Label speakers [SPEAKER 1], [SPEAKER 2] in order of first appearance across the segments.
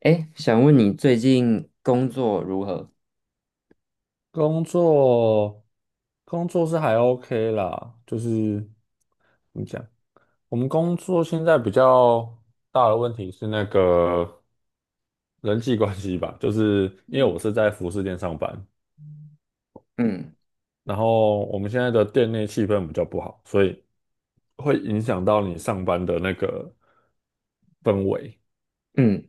[SPEAKER 1] 哎，想问你最近工作如何？
[SPEAKER 2] 工作，工作是还 OK 啦，就是怎么讲，我们工作现在比较大的问题是那个人际关系吧，就是因为我
[SPEAKER 1] 嗯。
[SPEAKER 2] 是在服饰店上班，
[SPEAKER 1] 嗯
[SPEAKER 2] 然后我们现在的店内气氛比较不好，所以会影响到你上班的那个氛围，
[SPEAKER 1] 嗯。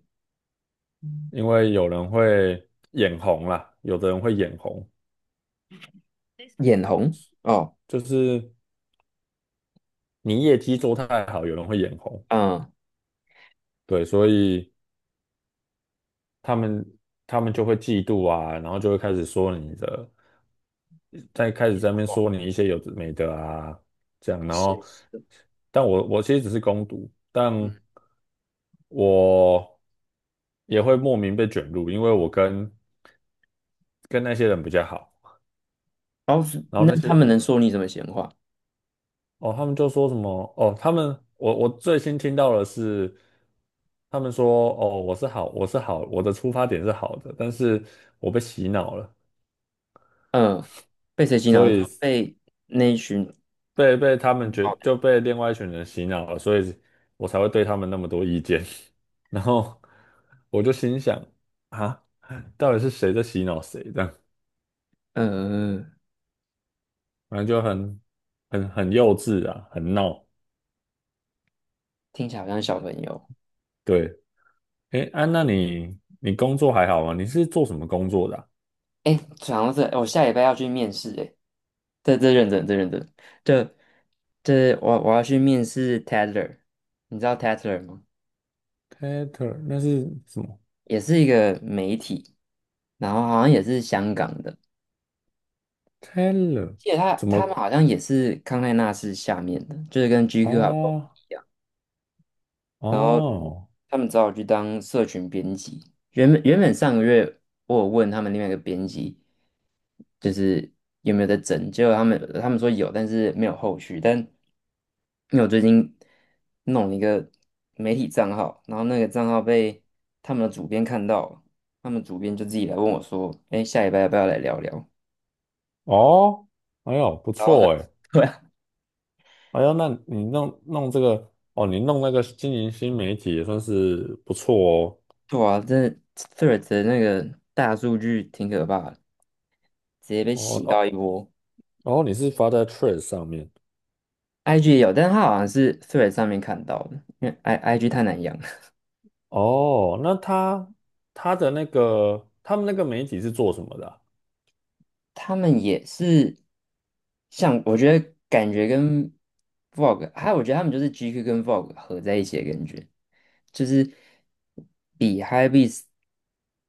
[SPEAKER 2] 因为有人会眼红啦，有的人会眼红，
[SPEAKER 1] 眼红哦。
[SPEAKER 2] 就是你业绩做太好，有人会眼红。
[SPEAKER 1] 嗯。
[SPEAKER 2] 对，所以他们他们就会嫉妒啊，然后就会开始说你的，再开始
[SPEAKER 1] 眼
[SPEAKER 2] 在那边
[SPEAKER 1] 红。
[SPEAKER 2] 说你一些有的没的啊，这样，
[SPEAKER 1] 好
[SPEAKER 2] 然
[SPEAKER 1] 现
[SPEAKER 2] 后，
[SPEAKER 1] 实的。
[SPEAKER 2] 但我其实只是攻读，但
[SPEAKER 1] 嗯，
[SPEAKER 2] 我也会莫名被卷入，因为我跟那些人比较好，
[SPEAKER 1] 然后是
[SPEAKER 2] 然后
[SPEAKER 1] 那
[SPEAKER 2] 那
[SPEAKER 1] 他们
[SPEAKER 2] 些
[SPEAKER 1] 能说你什么闲话？
[SPEAKER 2] 哦，他们就说什么哦，他们我最新听到的是。他们说：“哦，我是好，我是好，我的出发点是好的，但是我被洗脑了，
[SPEAKER 1] 嗯，被谁洗
[SPEAKER 2] 所
[SPEAKER 1] 脑？就
[SPEAKER 2] 以
[SPEAKER 1] 被那一群。
[SPEAKER 2] 被他们觉
[SPEAKER 1] 好的。
[SPEAKER 2] 就被另外一群人洗脑了，所以我才会对他们那么多意见。然后我就心想啊，到底是谁在洗脑谁？这样，
[SPEAKER 1] 嗯。
[SPEAKER 2] 反正就很幼稚啊，很闹。
[SPEAKER 1] 听起来好像小朋友。
[SPEAKER 2] 对，哎，安、娜，你工作还好吗？你是做什么工作的啊
[SPEAKER 1] 哎，讲到这，我下礼拜要去面试，哎，这认真，这我要去面试 Tatler，你知道 Tatler 吗？
[SPEAKER 2] ？Tater 那是什么
[SPEAKER 1] 也是一个媒体，然后好像也是香港的，
[SPEAKER 2] ？Taylor
[SPEAKER 1] 记得他
[SPEAKER 2] 怎
[SPEAKER 1] 他们
[SPEAKER 2] 么？
[SPEAKER 1] 好像也是康奈纳是下面的，就是跟 GQ 还不
[SPEAKER 2] 哦
[SPEAKER 1] 一样。然后
[SPEAKER 2] 哦
[SPEAKER 1] 他们找我去当社群编辑。原本上个月我有问他们另外一个编辑，就是有没有在整，结果他们说有，但是没有后续。但因为我最近弄了一个媒体账号，然后那个账号被他们的主编看到了，他们主编就自己来问我说：“哎，下礼拜要不要来聊聊？”
[SPEAKER 2] 哦，哎呦，不
[SPEAKER 1] 然后很
[SPEAKER 2] 错哎。
[SPEAKER 1] 对啊。
[SPEAKER 2] 哎呦，那你弄这个哦，你弄那个经营新媒体也算是不错
[SPEAKER 1] 对啊，这 t h r e a d 的那个大数据挺可怕的，直接被
[SPEAKER 2] 哦。
[SPEAKER 1] 洗
[SPEAKER 2] 哦
[SPEAKER 1] 到一
[SPEAKER 2] 哦
[SPEAKER 1] 波。
[SPEAKER 2] 哦，你是发在 t r e a d s 上面
[SPEAKER 1] IG 也有，但是它好像是 Thread 上面看到的，因为 IG 太难养了。
[SPEAKER 2] 哦？那他他的那个他们那个媒体是做什么的啊
[SPEAKER 1] 他们也是，像我觉得感觉跟 Vogue，还有我觉得他们就是 GQ 跟 Vogue 合在一起的感觉。就是比 h y p b e a s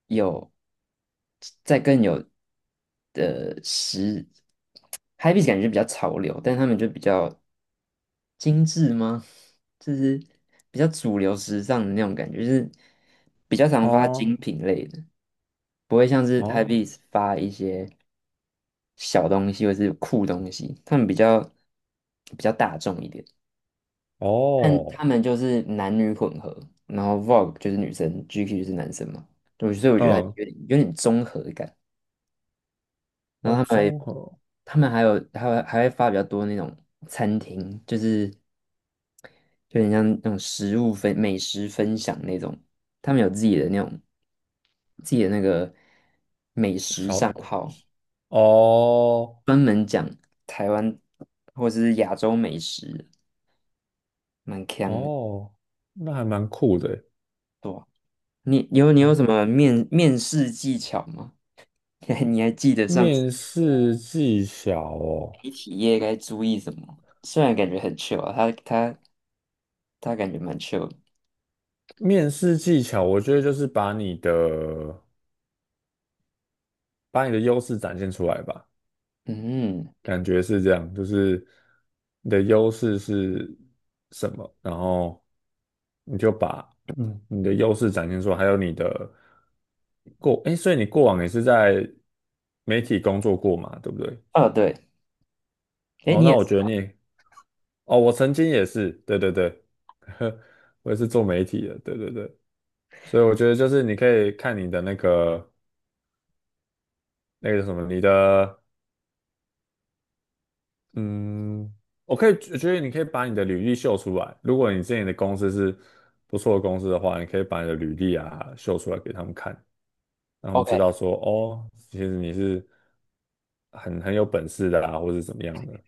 [SPEAKER 1] 有再更有的时， h y p b e a s 感觉比较潮流，但他们就比较精致吗？就是比较主流时尚的那种感觉，就是比较常发精
[SPEAKER 2] 哦
[SPEAKER 1] 品类的，不会像是 h y p b e
[SPEAKER 2] 哦
[SPEAKER 1] a s 发一些小东西或是酷东西，他们比较大众一点。但
[SPEAKER 2] 哦，
[SPEAKER 1] 他们就是男女混合，然后 Vogue 就是女生，GQ 就是男生嘛，对，所以我觉得他
[SPEAKER 2] 嗯
[SPEAKER 1] 有点综合感。然
[SPEAKER 2] 哦，
[SPEAKER 1] 后他们还
[SPEAKER 2] 综合
[SPEAKER 1] 他们还会发比较多那种餐厅，就是有点像那种食物分美食分享那种，他们有自己的那种自己的那个美食账
[SPEAKER 2] 小
[SPEAKER 1] 号，
[SPEAKER 2] 哦
[SPEAKER 1] 专门讲台湾或者是亚洲美食，蛮强的。
[SPEAKER 2] 哦，那还蛮酷的耶
[SPEAKER 1] 对啊。你有
[SPEAKER 2] 哦。
[SPEAKER 1] 什么面试技巧吗？你还记得上次
[SPEAKER 2] 面试技巧哦，
[SPEAKER 1] 媒体业该注意什么？虽然感觉很 chill 啊，他感觉蛮 chill 的。
[SPEAKER 2] 面试技巧，我觉得就是把你的。把你的优势展现出来吧，
[SPEAKER 1] 嗯。
[SPEAKER 2] 感觉是这样，就是你的优势是什么，然后你就把你的优势展现出来，还有你的过，哎，所以你过往也是在媒体工作过嘛，对不对？
[SPEAKER 1] 哦对。哎
[SPEAKER 2] 哦，
[SPEAKER 1] 你
[SPEAKER 2] 那
[SPEAKER 1] 也
[SPEAKER 2] 我
[SPEAKER 1] 是
[SPEAKER 2] 觉得你，哦，我曾经也是，对对对，我也是做媒体的，对对对，所以我觉得就是你可以看你的那个那个什么，你的。嗯，我可以，我觉得你可以把你的履历秀出来。如果你之前的公司是不错的公司的话，你可以把你的履历啊秀出来给他们看，让他们
[SPEAKER 1] ，OK。
[SPEAKER 2] 知道说，哦，其实你是很有本事的啦，或是怎么样的。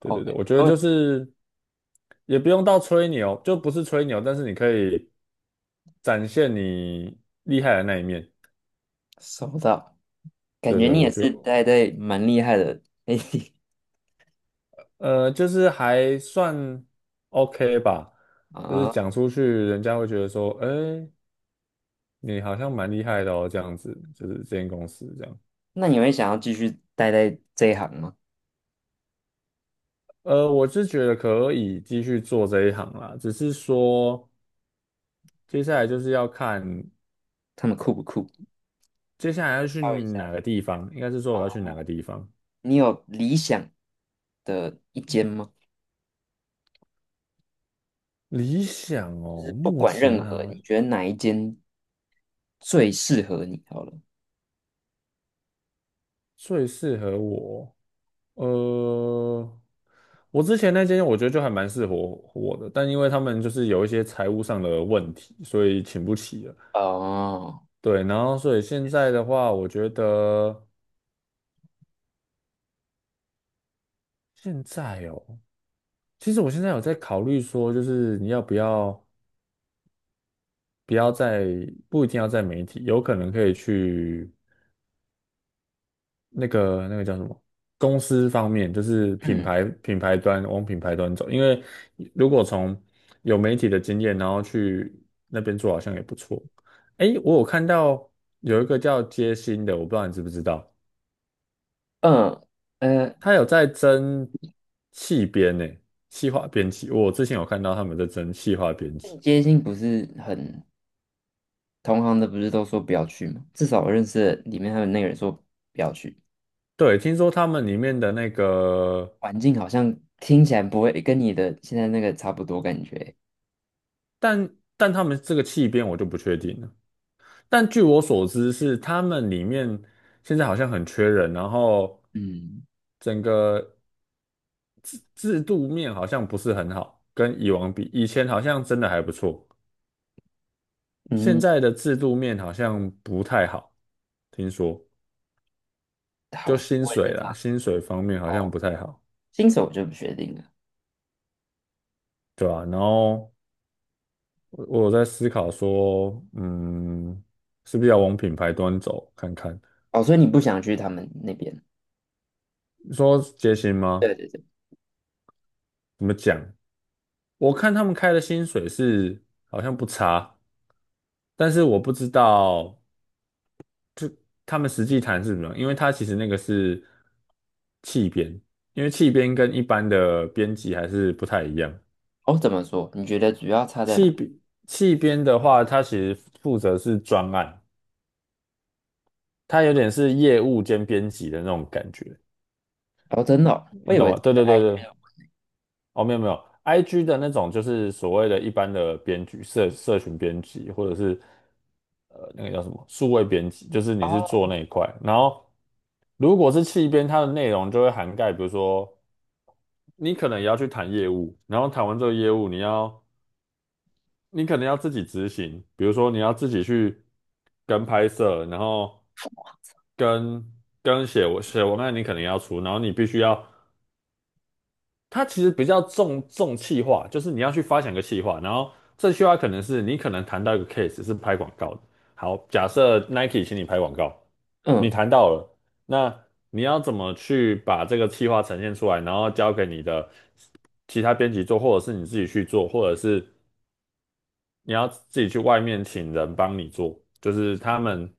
[SPEAKER 2] 对
[SPEAKER 1] OK，
[SPEAKER 2] 对对，我觉得
[SPEAKER 1] 没问
[SPEAKER 2] 就
[SPEAKER 1] 题。
[SPEAKER 2] 是也不用到吹牛，就不是吹牛，但是你可以展现你厉害的那一面。
[SPEAKER 1] 收到。感
[SPEAKER 2] 对
[SPEAKER 1] 觉
[SPEAKER 2] 对，
[SPEAKER 1] 你
[SPEAKER 2] 我
[SPEAKER 1] 也
[SPEAKER 2] 就
[SPEAKER 1] 是待在蛮厉害的媒体。
[SPEAKER 2] 就是还算 OK 吧，
[SPEAKER 1] 啊，
[SPEAKER 2] 就是讲出去，人家会觉得说，哎。你好像蛮厉害的哦，这样子，就是这间公司这样。
[SPEAKER 1] 那你会想要继续待在这一行吗？
[SPEAKER 2] 我是觉得可以继续做这一行啦，只是说接下来就是要看
[SPEAKER 1] 他们酷不酷？
[SPEAKER 2] 接下来要
[SPEAKER 1] 再
[SPEAKER 2] 去
[SPEAKER 1] 挑一下。
[SPEAKER 2] 哪个地方，应该是说
[SPEAKER 1] 啊，
[SPEAKER 2] 我要去哪个地方。
[SPEAKER 1] 你有理想的一间吗？
[SPEAKER 2] 理想哦，
[SPEAKER 1] 不
[SPEAKER 2] 目
[SPEAKER 1] 管任
[SPEAKER 2] 前
[SPEAKER 1] 何，
[SPEAKER 2] 啊
[SPEAKER 1] 你觉得哪一间最适合你？好了。
[SPEAKER 2] 最适合我，呃，我之前那间我觉得就还蛮适合我的，但因为他们就是有一些财务上的问题，所以请不起了。
[SPEAKER 1] 哦。
[SPEAKER 2] 对，然后所以现在的话，我觉得现在哦。其实我现在有在考虑说，就是你要不要不要在不一定要在媒体，有可能可以去那个那个叫什么公司方面，就是品
[SPEAKER 1] 嗯
[SPEAKER 2] 牌品牌端往品牌端走，因为如果从有媒体的经验，然后去那边做，好像也不错。诶，我有看到有一个叫街心的，我不知道你知不知道，
[SPEAKER 1] 嗯。呃，
[SPEAKER 2] 他有在争气编呢，企化编辑，我之前有看到他们在争企化编
[SPEAKER 1] 间
[SPEAKER 2] 辑。
[SPEAKER 1] 接性不是很同行的，不是都说不要去吗？至少我认识的里面还有那个人说不要去，
[SPEAKER 2] 对，听说他们里面的那个，
[SPEAKER 1] 环境好像听起来不会跟你的现在那个差不多感觉。
[SPEAKER 2] 但他们这个气编我就不确定了。但据我所知是他们里面现在好像很缺人，然后
[SPEAKER 1] 嗯
[SPEAKER 2] 整个制度面好像不是很好，跟以往比，以前好像真的还不错，现
[SPEAKER 1] 嗯。
[SPEAKER 2] 在的制度面好像不太好，听说就
[SPEAKER 1] 好像
[SPEAKER 2] 薪
[SPEAKER 1] 我也
[SPEAKER 2] 水
[SPEAKER 1] 是这
[SPEAKER 2] 啦，
[SPEAKER 1] 样。
[SPEAKER 2] 薪水方面好像
[SPEAKER 1] 哦，
[SPEAKER 2] 不太好，
[SPEAKER 1] 新手我就不确定了。
[SPEAKER 2] 对吧？然后。我有在思考说，嗯，是不是要往品牌端走看看？
[SPEAKER 1] 哦，所以你不想去他们那边？
[SPEAKER 2] 你说节行吗？
[SPEAKER 1] 对对对。
[SPEAKER 2] 怎么讲？我看他们开的薪水是好像不差，但是我不知道他们实际谈是什么，因为他其实那个是气编，因为气编跟一般的编辑还是不太一样。
[SPEAKER 1] 哦，怎么说？你觉得主要差在
[SPEAKER 2] 气
[SPEAKER 1] 哪？
[SPEAKER 2] 编气编的话，他其实负责是专案，他有点是业务兼编辑的那种感觉，
[SPEAKER 1] 哦，真的哦，我
[SPEAKER 2] 你
[SPEAKER 1] 以为
[SPEAKER 2] 懂吗？对
[SPEAKER 1] 是。
[SPEAKER 2] 对对对，哦，没有没有，IG 的那种就是所谓的一般的编辑、社群编辑，或者是那个叫什么数位编辑，就是你是做
[SPEAKER 1] 哦。
[SPEAKER 2] 那一块。然后如果是企编，它的内容就会涵盖，比如说你可能也要去谈业务，然后谈完这个业务，你可能要自己执行，比如说你要自己去跟拍摄，然后跟跟写文案，你可能要出，然后你必须要。它其实比较重企划，就是你要去发想一个企划，然后这句话可能是你可能谈到一个 case 是拍广告的。好，假设 Nike 请你拍广告，
[SPEAKER 1] 嗯
[SPEAKER 2] 你谈到了，那你要怎么去把这个企划呈现出来，然后交给你的其他编辑做，或者是你自己去做，或者是你要自己去外面请人帮你做，就是他们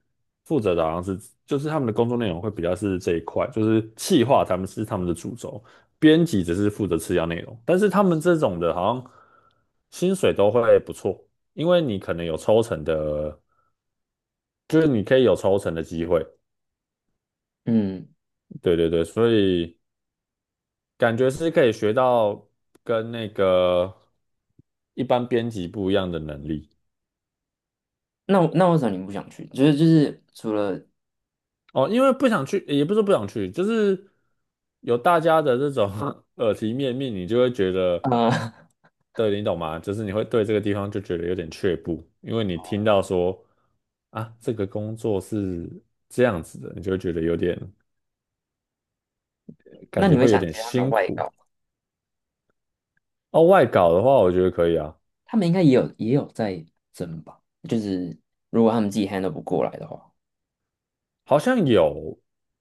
[SPEAKER 2] 负责的好像是，就是他们的工作内容会比较是这一块，就是企划他们是他们的主轴，编辑只是负责次要内容，但是他们这种的好像薪水都会不错，因为你可能有抽成的，就是你可以有抽成的机会，
[SPEAKER 1] 嗯。
[SPEAKER 2] 对对对，所以感觉是可以学到跟那个一般编辑不一样的能力。
[SPEAKER 1] 那为什么你不想去？就是除了
[SPEAKER 2] 哦，因为不想去，也不是不想去，就是有大家的这种 耳提面命，你就会觉得，
[SPEAKER 1] 呃。
[SPEAKER 2] 对，你懂吗？就是你会对这个地方就觉得有点却步，因为你听到说啊，这个工作是这样子的，你就会觉得有点，
[SPEAKER 1] 那
[SPEAKER 2] 感觉
[SPEAKER 1] 你会
[SPEAKER 2] 会有
[SPEAKER 1] 想
[SPEAKER 2] 点
[SPEAKER 1] 接他们的
[SPEAKER 2] 辛
[SPEAKER 1] 外
[SPEAKER 2] 苦。
[SPEAKER 1] 稿吗？
[SPEAKER 2] 哦，外搞的话，我觉得可以啊，
[SPEAKER 1] 他们应该也有在争吧？就是如果他们自己 handle 不过来的话，
[SPEAKER 2] 好像有，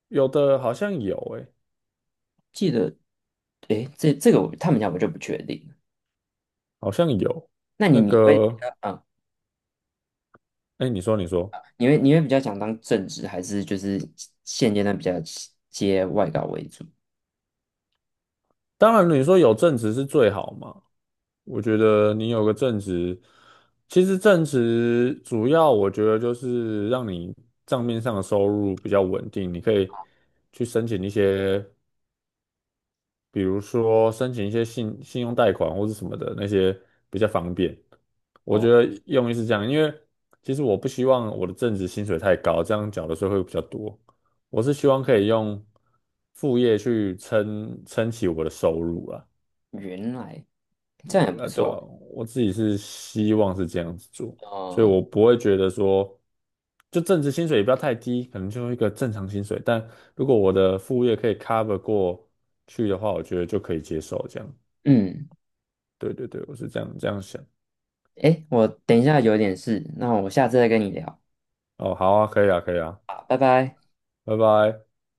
[SPEAKER 2] 有的好像有、欸，
[SPEAKER 1] 记得。诶，这这个他们家我就不确定了。
[SPEAKER 2] 好像有
[SPEAKER 1] 那你
[SPEAKER 2] 那
[SPEAKER 1] 你会比
[SPEAKER 2] 个，
[SPEAKER 1] 较啊？
[SPEAKER 2] 哎、你说，你说，
[SPEAKER 1] 你会比较想当正职，还是就是现阶段比较接外稿为主？
[SPEAKER 2] 当然你说有正职是最好嘛。我觉得你有个正职，其实正职主要我觉得就是让你账面上的收入比较稳定，你可以去申请一些，比如说申请一些信用贷款或是什么的那些比较方便。我
[SPEAKER 1] 哦，
[SPEAKER 2] 觉得用意是这样，因为其实我不希望我的正职薪水太高，这样缴的税会比较多。我是希望可以用副业去撑起我的收入啊。
[SPEAKER 1] 原来这样也
[SPEAKER 2] 我
[SPEAKER 1] 不
[SPEAKER 2] 对啊，
[SPEAKER 1] 错。
[SPEAKER 2] 我自己是希望是这样子做，所以
[SPEAKER 1] 嗯
[SPEAKER 2] 我不会觉得说，就正职薪水也不要太低，可能就一个正常薪水。但如果我的副业可以 cover 过去的话，我觉得就可以接受这样。
[SPEAKER 1] 嗯。
[SPEAKER 2] 对对对，我是这样想。
[SPEAKER 1] 诶，我等一下有点事，那我下次再跟你聊。
[SPEAKER 2] 哦，好啊，可以啊，可以啊，
[SPEAKER 1] 好，拜拜。
[SPEAKER 2] 拜拜。